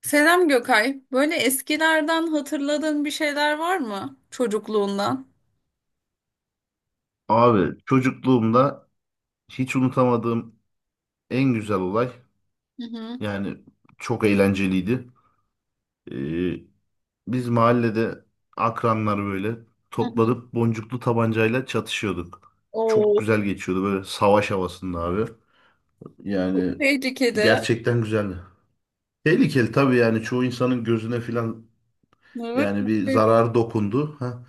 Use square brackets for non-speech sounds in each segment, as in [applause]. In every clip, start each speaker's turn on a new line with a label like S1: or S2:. S1: Selam Gökay. Böyle eskilerden hatırladığın bir şeyler var mı çocukluğundan?
S2: Abi çocukluğumda hiç unutamadığım en güzel olay,
S1: Hı hı.
S2: yani çok eğlenceliydi. Ee, Biz mahallede akranlar böyle
S1: Hı hı.
S2: toplanıp boncuklu tabancayla çatışıyorduk. Çok
S1: Oo.
S2: güzel geçiyordu böyle savaş havasında abi. Yani
S1: Tehlikeli.
S2: gerçekten güzeldi. Tehlikeli tabii, yani çoğu insanın gözüne filan
S1: Evet.
S2: yani
S1: Çok
S2: bir
S1: tehlikeli.
S2: zarar dokundu. Ha.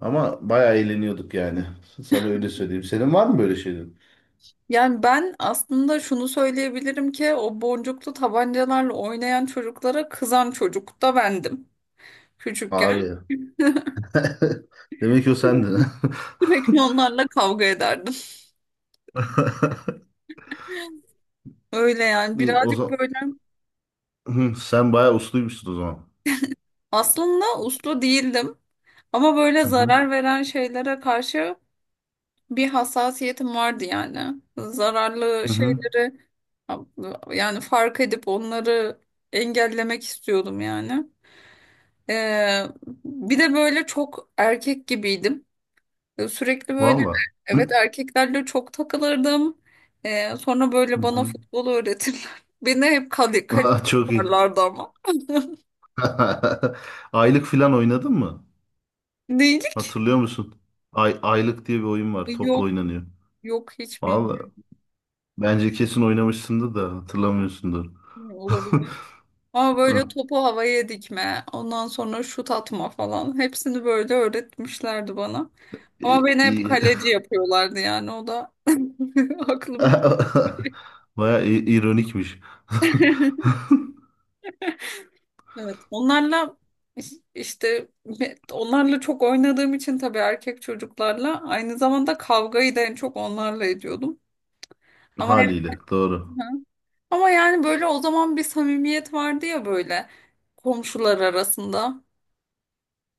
S2: Ama bayağı eğleniyorduk yani. Sana öyle söyleyeyim. Senin var mı böyle şeyler?
S1: Yani ben aslında şunu söyleyebilirim ki o boncuklu tabancalarla oynayan çocuklara kızan çocuk da bendim. Küçükken
S2: Abi, [laughs] demek ki o sendin.
S1: sürekli onlarla kavga ederdim. Öyle yani,
S2: [laughs] O
S1: birazcık
S2: zaman
S1: böyle
S2: sen bayağı usluymuşsun o zaman.
S1: aslında uslu değildim ama böyle
S2: Hı hı.
S1: zarar veren şeylere karşı bir hassasiyetim vardı yani. Zararlı
S2: Hı hı.
S1: şeyleri, yani fark edip onları engellemek istiyordum yani. Ee, Bir de böyle çok erkek gibiydim. Sürekli böyle,
S2: Valla.
S1: evet,
S2: Hı
S1: erkeklerle çok takılırdım. Sonra böyle bana
S2: hı.
S1: futbol öğretirler. [laughs] Beni hep kale, kale
S2: Aa, çok iyi.
S1: yaparlardı ama. [laughs]
S2: [laughs] Aylık filan oynadın mı?
S1: Değil.
S2: Hatırlıyor musun? Ay, aylık diye bir oyun var. Topla
S1: Yok,
S2: oynanıyor.
S1: yok, hiç
S2: Valla.
S1: bilmiyorum.
S2: Bence kesin oynamışsındır da hatırlamıyorsundur. [laughs]
S1: Olabilir. Ama böyle
S2: Hı.
S1: topu havaya dikme, ondan sonra şut atma falan. Hepsini böyle öğretmişlerdi bana. Ama beni hep
S2: İyi.
S1: kaleci yapıyorlardı, yani o da [laughs] aklımda.
S2: [laughs] Bayağı ironikmiş. [laughs]
S1: Evet, onlarla iş- işte me- onlarla çok oynadığım için tabii erkek çocuklarla aynı zamanda kavgayı da en çok onlarla ediyordum. Ama
S2: Haliyle. Doğru.
S1: [laughs] ama yani böyle o zaman bir samimiyet vardı ya, böyle komşular arasında.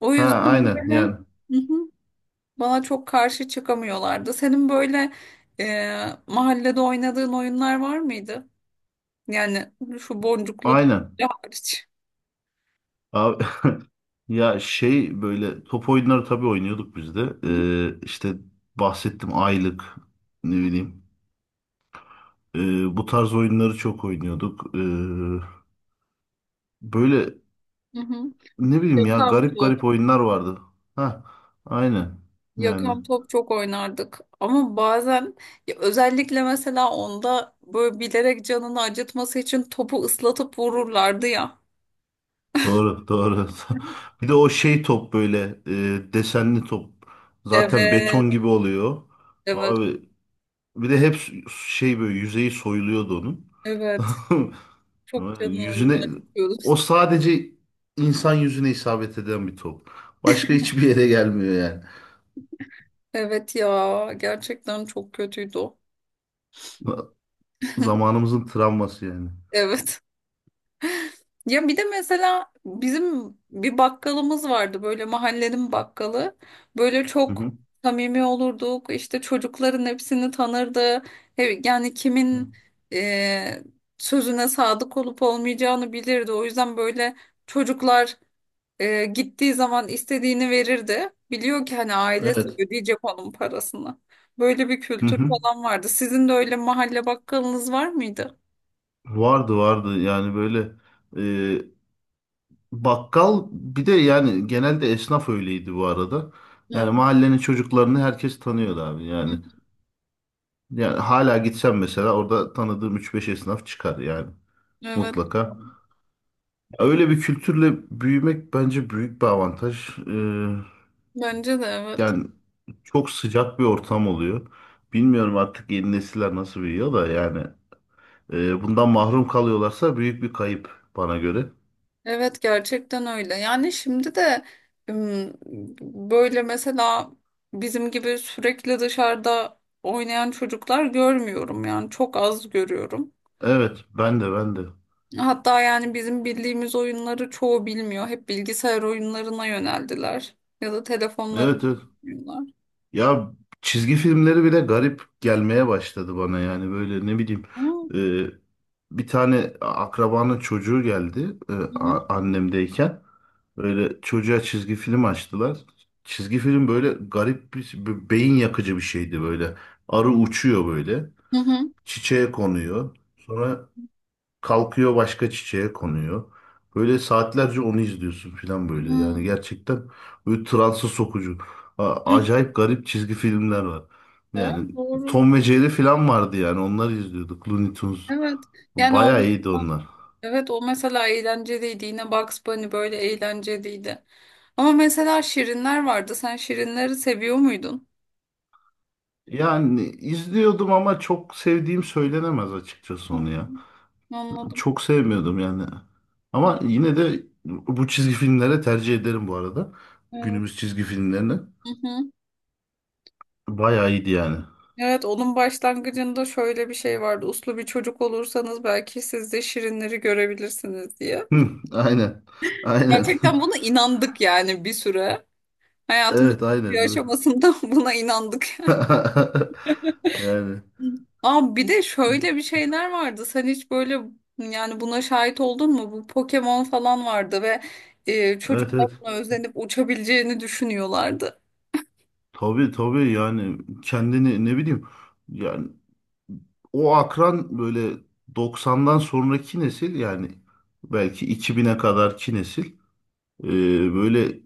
S1: O
S2: Ha,
S1: yüzden
S2: aynen.
S1: böyle.
S2: Yani
S1: Hı hı. Bana çok karşı çıkamıyorlardı. Senin böyle, mahallede oynadığın oyunlar var mıydı? Yani, şu boncuklu da
S2: aynen.
S1: hariç.
S2: Abi, [laughs] ya şey, böyle top oyunları tabii oynuyorduk biz de.
S1: Hı
S2: İşte bahsettim, aylık, ne bileyim. Bu tarz oyunları çok oynuyorduk. Böyle,
S1: hı. Hı.
S2: ne bileyim, ya
S1: Yakan
S2: garip
S1: top.
S2: garip oyunlar vardı. Ha, aynen. Yani
S1: Yakan top çok oynardık. Ama bazen, ya özellikle mesela onda böyle bilerek canını acıtması için topu ıslatıp vururlardı ya.
S2: doğru doğru. [laughs] Bir de o şey top böyle, desenli top. Zaten
S1: Evet,
S2: beton gibi oluyor.
S1: evet,
S2: Abi, bir de hep şey, böyle yüzeyi soyuluyordu onun.
S1: evet. Çok
S2: [laughs]
S1: canını
S2: Yüzüne,
S1: acıtıyordu.
S2: o sadece insan yüzüne isabet eden bir top. Başka [laughs] hiçbir yere gelmiyor yani.
S1: Evet ya, gerçekten çok kötüydü o.
S2: Zamanımızın travması yani.
S1: Evet. Ya bir de mesela bizim bir bakkalımız vardı, böyle mahallenin bakkalı. Böyle
S2: Hı
S1: çok
S2: hı.
S1: samimi olurduk. İşte çocukların hepsini tanırdı. Yani kimin, e, sözüne sadık olup olmayacağını bilirdi. O yüzden böyle çocuklar gittiği zaman istediğini verirdi. Biliyor ki hani ailesi
S2: Evet.
S1: ödeyecek onun parasını. Böyle bir
S2: Hı
S1: kültür
S2: hı.
S1: falan vardı. Sizin de öyle mahalle bakkalınız var mıydı?
S2: Vardı vardı, yani böyle e, bakkal, bir de yani genelde esnaf öyleydi bu arada. Yani
S1: Yani-
S2: mahallenin çocuklarını herkes tanıyordu abi yani. Yani hala gitsem mesela orada tanıdığım üç beş esnaf çıkar yani,
S1: Evet.
S2: mutlaka. Öyle bir kültürle büyümek bence büyük bir avantaj.
S1: Bence de evet.
S2: Yani çok sıcak bir ortam oluyor. Bilmiyorum artık yeni nesiller nasıl büyüyor da, yani bundan mahrum kalıyorlarsa büyük bir kayıp bana göre.
S1: Evet, gerçekten öyle. Yani şimdi de ım, böyle mesela bizim gibi sürekli dışarıda oynayan çocuklar görmüyorum, yani çok az görüyorum.
S2: Evet, ben de, ben de.
S1: Hatta yani bizim bildiğimiz oyunları çoğu bilmiyor. Hep bilgisayar oyunlarına yöneldiler ya da telefonlarına
S2: Evet evet.
S1: oynuyorlar.
S2: Ya çizgi filmleri bile garip gelmeye başladı bana, yani böyle, ne bileyim,
S1: Hı
S2: e, bir tane akrabanın çocuğu geldi,
S1: hı.
S2: annemdeyken böyle çocuğa çizgi film açtılar. Çizgi film böyle garip bir beyin yakıcı bir şeydi böyle. Arı uçuyor, böyle
S1: Hı hı.
S2: çiçeğe konuyor, sonra kalkıyor, başka çiçeğe konuyor. Böyle saatlerce onu izliyorsun falan
S1: Hı.
S2: böyle. Yani gerçekten böyle transa sokucu. Acayip garip çizgi filmler var.
S1: Evet,
S2: Yani
S1: doğru.
S2: Tom ve Jerry falan vardı, yani onları izliyorduk. Looney Tunes.
S1: Evet. Yani o,
S2: Bayağı iyiydi onlar.
S1: evet, o mesela eğlenceliydi. Yine Bugs Bunny böyle eğlenceliydi. Ama mesela Şirinler vardı. Sen Şirinleri seviyor muydun?
S2: Yani izliyordum ama çok sevdiğim söylenemez açıkçası onu ya.
S1: Hmm, anladım.
S2: Çok sevmiyordum yani. Ama yine de bu çizgi filmlere tercih ederim bu arada. Günümüz
S1: Evet.
S2: çizgi filmlerini.
S1: Hı hı.
S2: Bayağı iyiydi yani.
S1: Evet, onun başlangıcında şöyle bir şey vardı. Uslu bir çocuk olursanız belki siz de Şirinleri görebilirsiniz diye.
S2: Hı, aynen. Aynen.
S1: Gerçekten
S2: [laughs]
S1: buna inandık yani, bir süre. Hayatımızın
S2: Evet,
S1: bir
S2: aynen.
S1: aşamasında [laughs] buna inandık.
S2: [laughs] Yani
S1: Aa, bir de şöyle bir şeyler vardı. Sen hiç böyle, yani buna şahit oldun mu? Bu Pokemon falan vardı ve
S2: evet
S1: çocuklar
S2: evet.
S1: buna özenip uçabileceğini düşünüyorlardı.
S2: Tabii tabii, yani kendini ne bileyim, yani o akran böyle 90'dan sonraki nesil, yani belki 2000'e kadarki nesil, e, böyle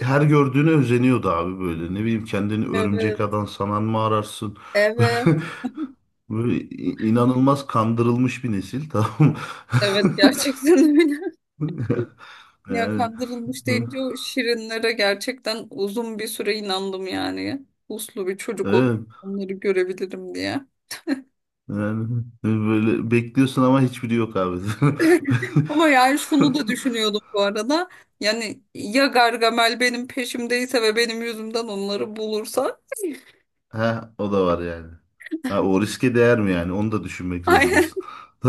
S2: her gördüğüne özeniyordu abi, böyle ne bileyim, kendini örümcek
S1: Evet.
S2: adam sanan mı ararsın,
S1: Evet. [laughs]
S2: [laughs] böyle inanılmaz kandırılmış bir nesil, tamam mı?
S1: Evet, gerçekten öyle.
S2: [laughs]
S1: Ya
S2: Yani
S1: kandırılmış deyince, o şirinlere gerçekten uzun bir süre inandım yani. Uslu bir çocuk olup
S2: evet.
S1: onları görebilirim diye.
S2: Yani böyle bekliyorsun ama hiçbiri yok abi. [laughs]
S1: Ama yani şunu da düşünüyordum bu arada. Yani ya Gargamel benim peşimdeyse ve benim yüzümden onları bulursa.
S2: Ha, o da var yani. Ha, o riske değer mi yani? Onu da
S1: [laughs]
S2: düşünmek
S1: Aynen,
S2: zorundasın. [laughs]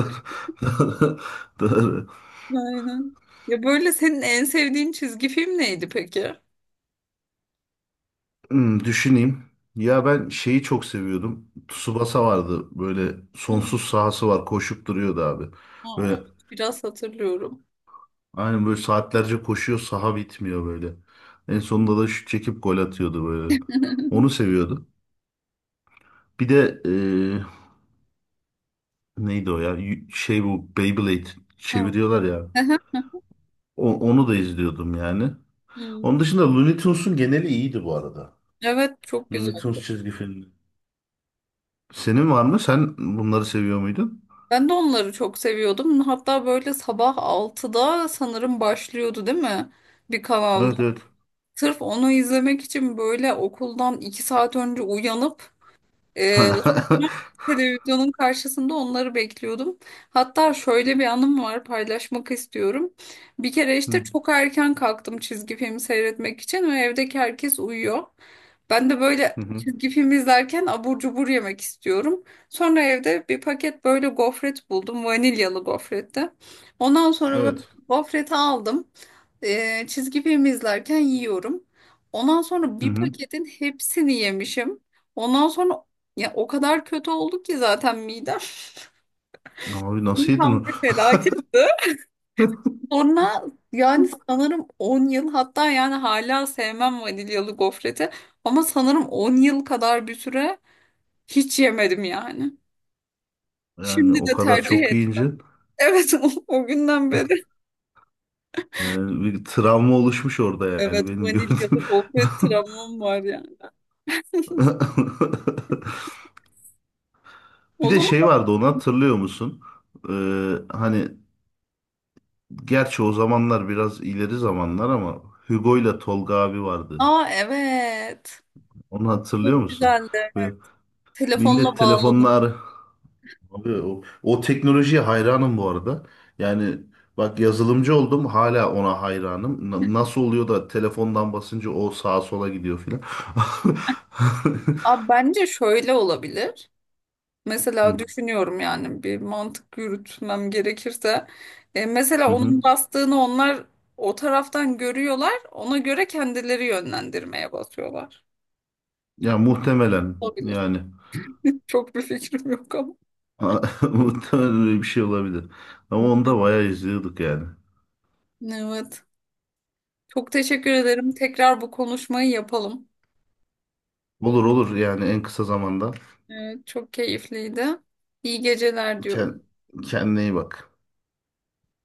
S2: Doğru. Doğru.
S1: aynen. Ya böyle senin en sevdiğin çizgi film neydi peki?
S2: Hmm, düşüneyim. Ya ben şeyi çok seviyordum. Tsubasa vardı. Böyle sonsuz
S1: Hmm,
S2: sahası var. Koşup duruyordu abi.
S1: ha,
S2: Böyle
S1: evet, biraz hatırlıyorum.
S2: aynen, böyle saatlerce koşuyor. Saha bitmiyor böyle. En sonunda da şut çekip gol atıyordu böyle. Onu
S1: [laughs]
S2: seviyordum. Bir de neydi o ya? Şey, bu Beyblade
S1: Ha,
S2: çeviriyorlar ya.
S1: aha,
S2: Onu da izliyordum yani. Onun
S1: hmm.
S2: dışında Looney Tunes'un geneli iyiydi bu arada.
S1: Evet, çok güzel.
S2: Looney Tunes çizgi filmi. Senin var mı? Sen bunları seviyor muydun?
S1: Ben de onları çok seviyordum. Hatta böyle sabah 6'da sanırım başlıyordu, değil mi? Bir kanalda.
S2: Evet evet.
S1: Sırf onu izlemek için böyle okuldan 2 saat önce uyanıp Ee,
S2: [laughs]
S1: televizyonun karşısında onları bekliyordum. Hatta şöyle bir anım var, paylaşmak istiyorum. Bir kere işte
S2: Hı,
S1: çok erken kalktım çizgi film seyretmek için ve evdeki herkes uyuyor. Ben de böyle
S2: hı hı.
S1: çizgi film izlerken abur cubur yemek istiyorum. Sonra evde bir paket böyle gofret buldum. Vanilyalı gofretti. Ondan sonra böyle
S2: Evet.
S1: gofreti aldım. Çizgi film izlerken yiyorum. Ondan sonra
S2: Hı
S1: bir
S2: hı.
S1: paketin hepsini yemişim. Ondan sonra, ya, o kadar kötü oldu ki zaten midem
S2: Abi, nasıl
S1: [laughs]
S2: yedin
S1: tam
S2: o?
S1: bir felaketti. Sonra, yani sanırım 10 yıl, hatta yani hala sevmem vanilyalı gofreti, ama sanırım 10 yıl kadar bir süre hiç yemedim yani.
S2: Yani
S1: Şimdi
S2: o
S1: de
S2: kadar
S1: tercih
S2: çok yiyince,
S1: ettim. Evet, [laughs] o günden beri.
S2: yani bir travma oluşmuş orada yani,
S1: Evet,
S2: benim
S1: vanilyalı
S2: gördüğüm.
S1: gofret travmam var yani. [laughs]
S2: [laughs]
S1: O
S2: Bir de
S1: zaman,
S2: şey vardı, onu hatırlıyor musun? Hani, gerçi o zamanlar biraz ileri zamanlar ama Hugo ile Tolga abi vardı.
S1: aa, evet.
S2: Onu
S1: Çok
S2: hatırlıyor musun?
S1: güzeldi.
S2: Ve millet
S1: Telefonla bağladım.
S2: telefonlar, abi o teknolojiye hayranım bu arada. Yani bak, yazılımcı oldum, hala ona hayranım. Nasıl oluyor da telefondan basınca o sağa sola gidiyor filan. [laughs]
S1: Abi bence şöyle olabilir. Mesela
S2: Hı
S1: düşünüyorum, yani bir mantık yürütmem gerekirse. Mesela
S2: hı. Hı.
S1: onun bastığını onlar o taraftan görüyorlar. Ona göre kendileri yönlendirmeye basıyorlar.
S2: Ya muhtemelen
S1: Olabilir.
S2: yani,
S1: Çok bir fikrim yok ama.
S2: [laughs] muhtemelen öyle bir şey olabilir. Ama onu da bayağı izliyorduk yani.
S1: Evet. Çok teşekkür ederim. Tekrar bu konuşmayı yapalım.
S2: Olur olur, yani en kısa zamanda.
S1: Evet, çok keyifliydi. İyi geceler
S2: Kend-
S1: diyorum.
S2: kendine iyi bak.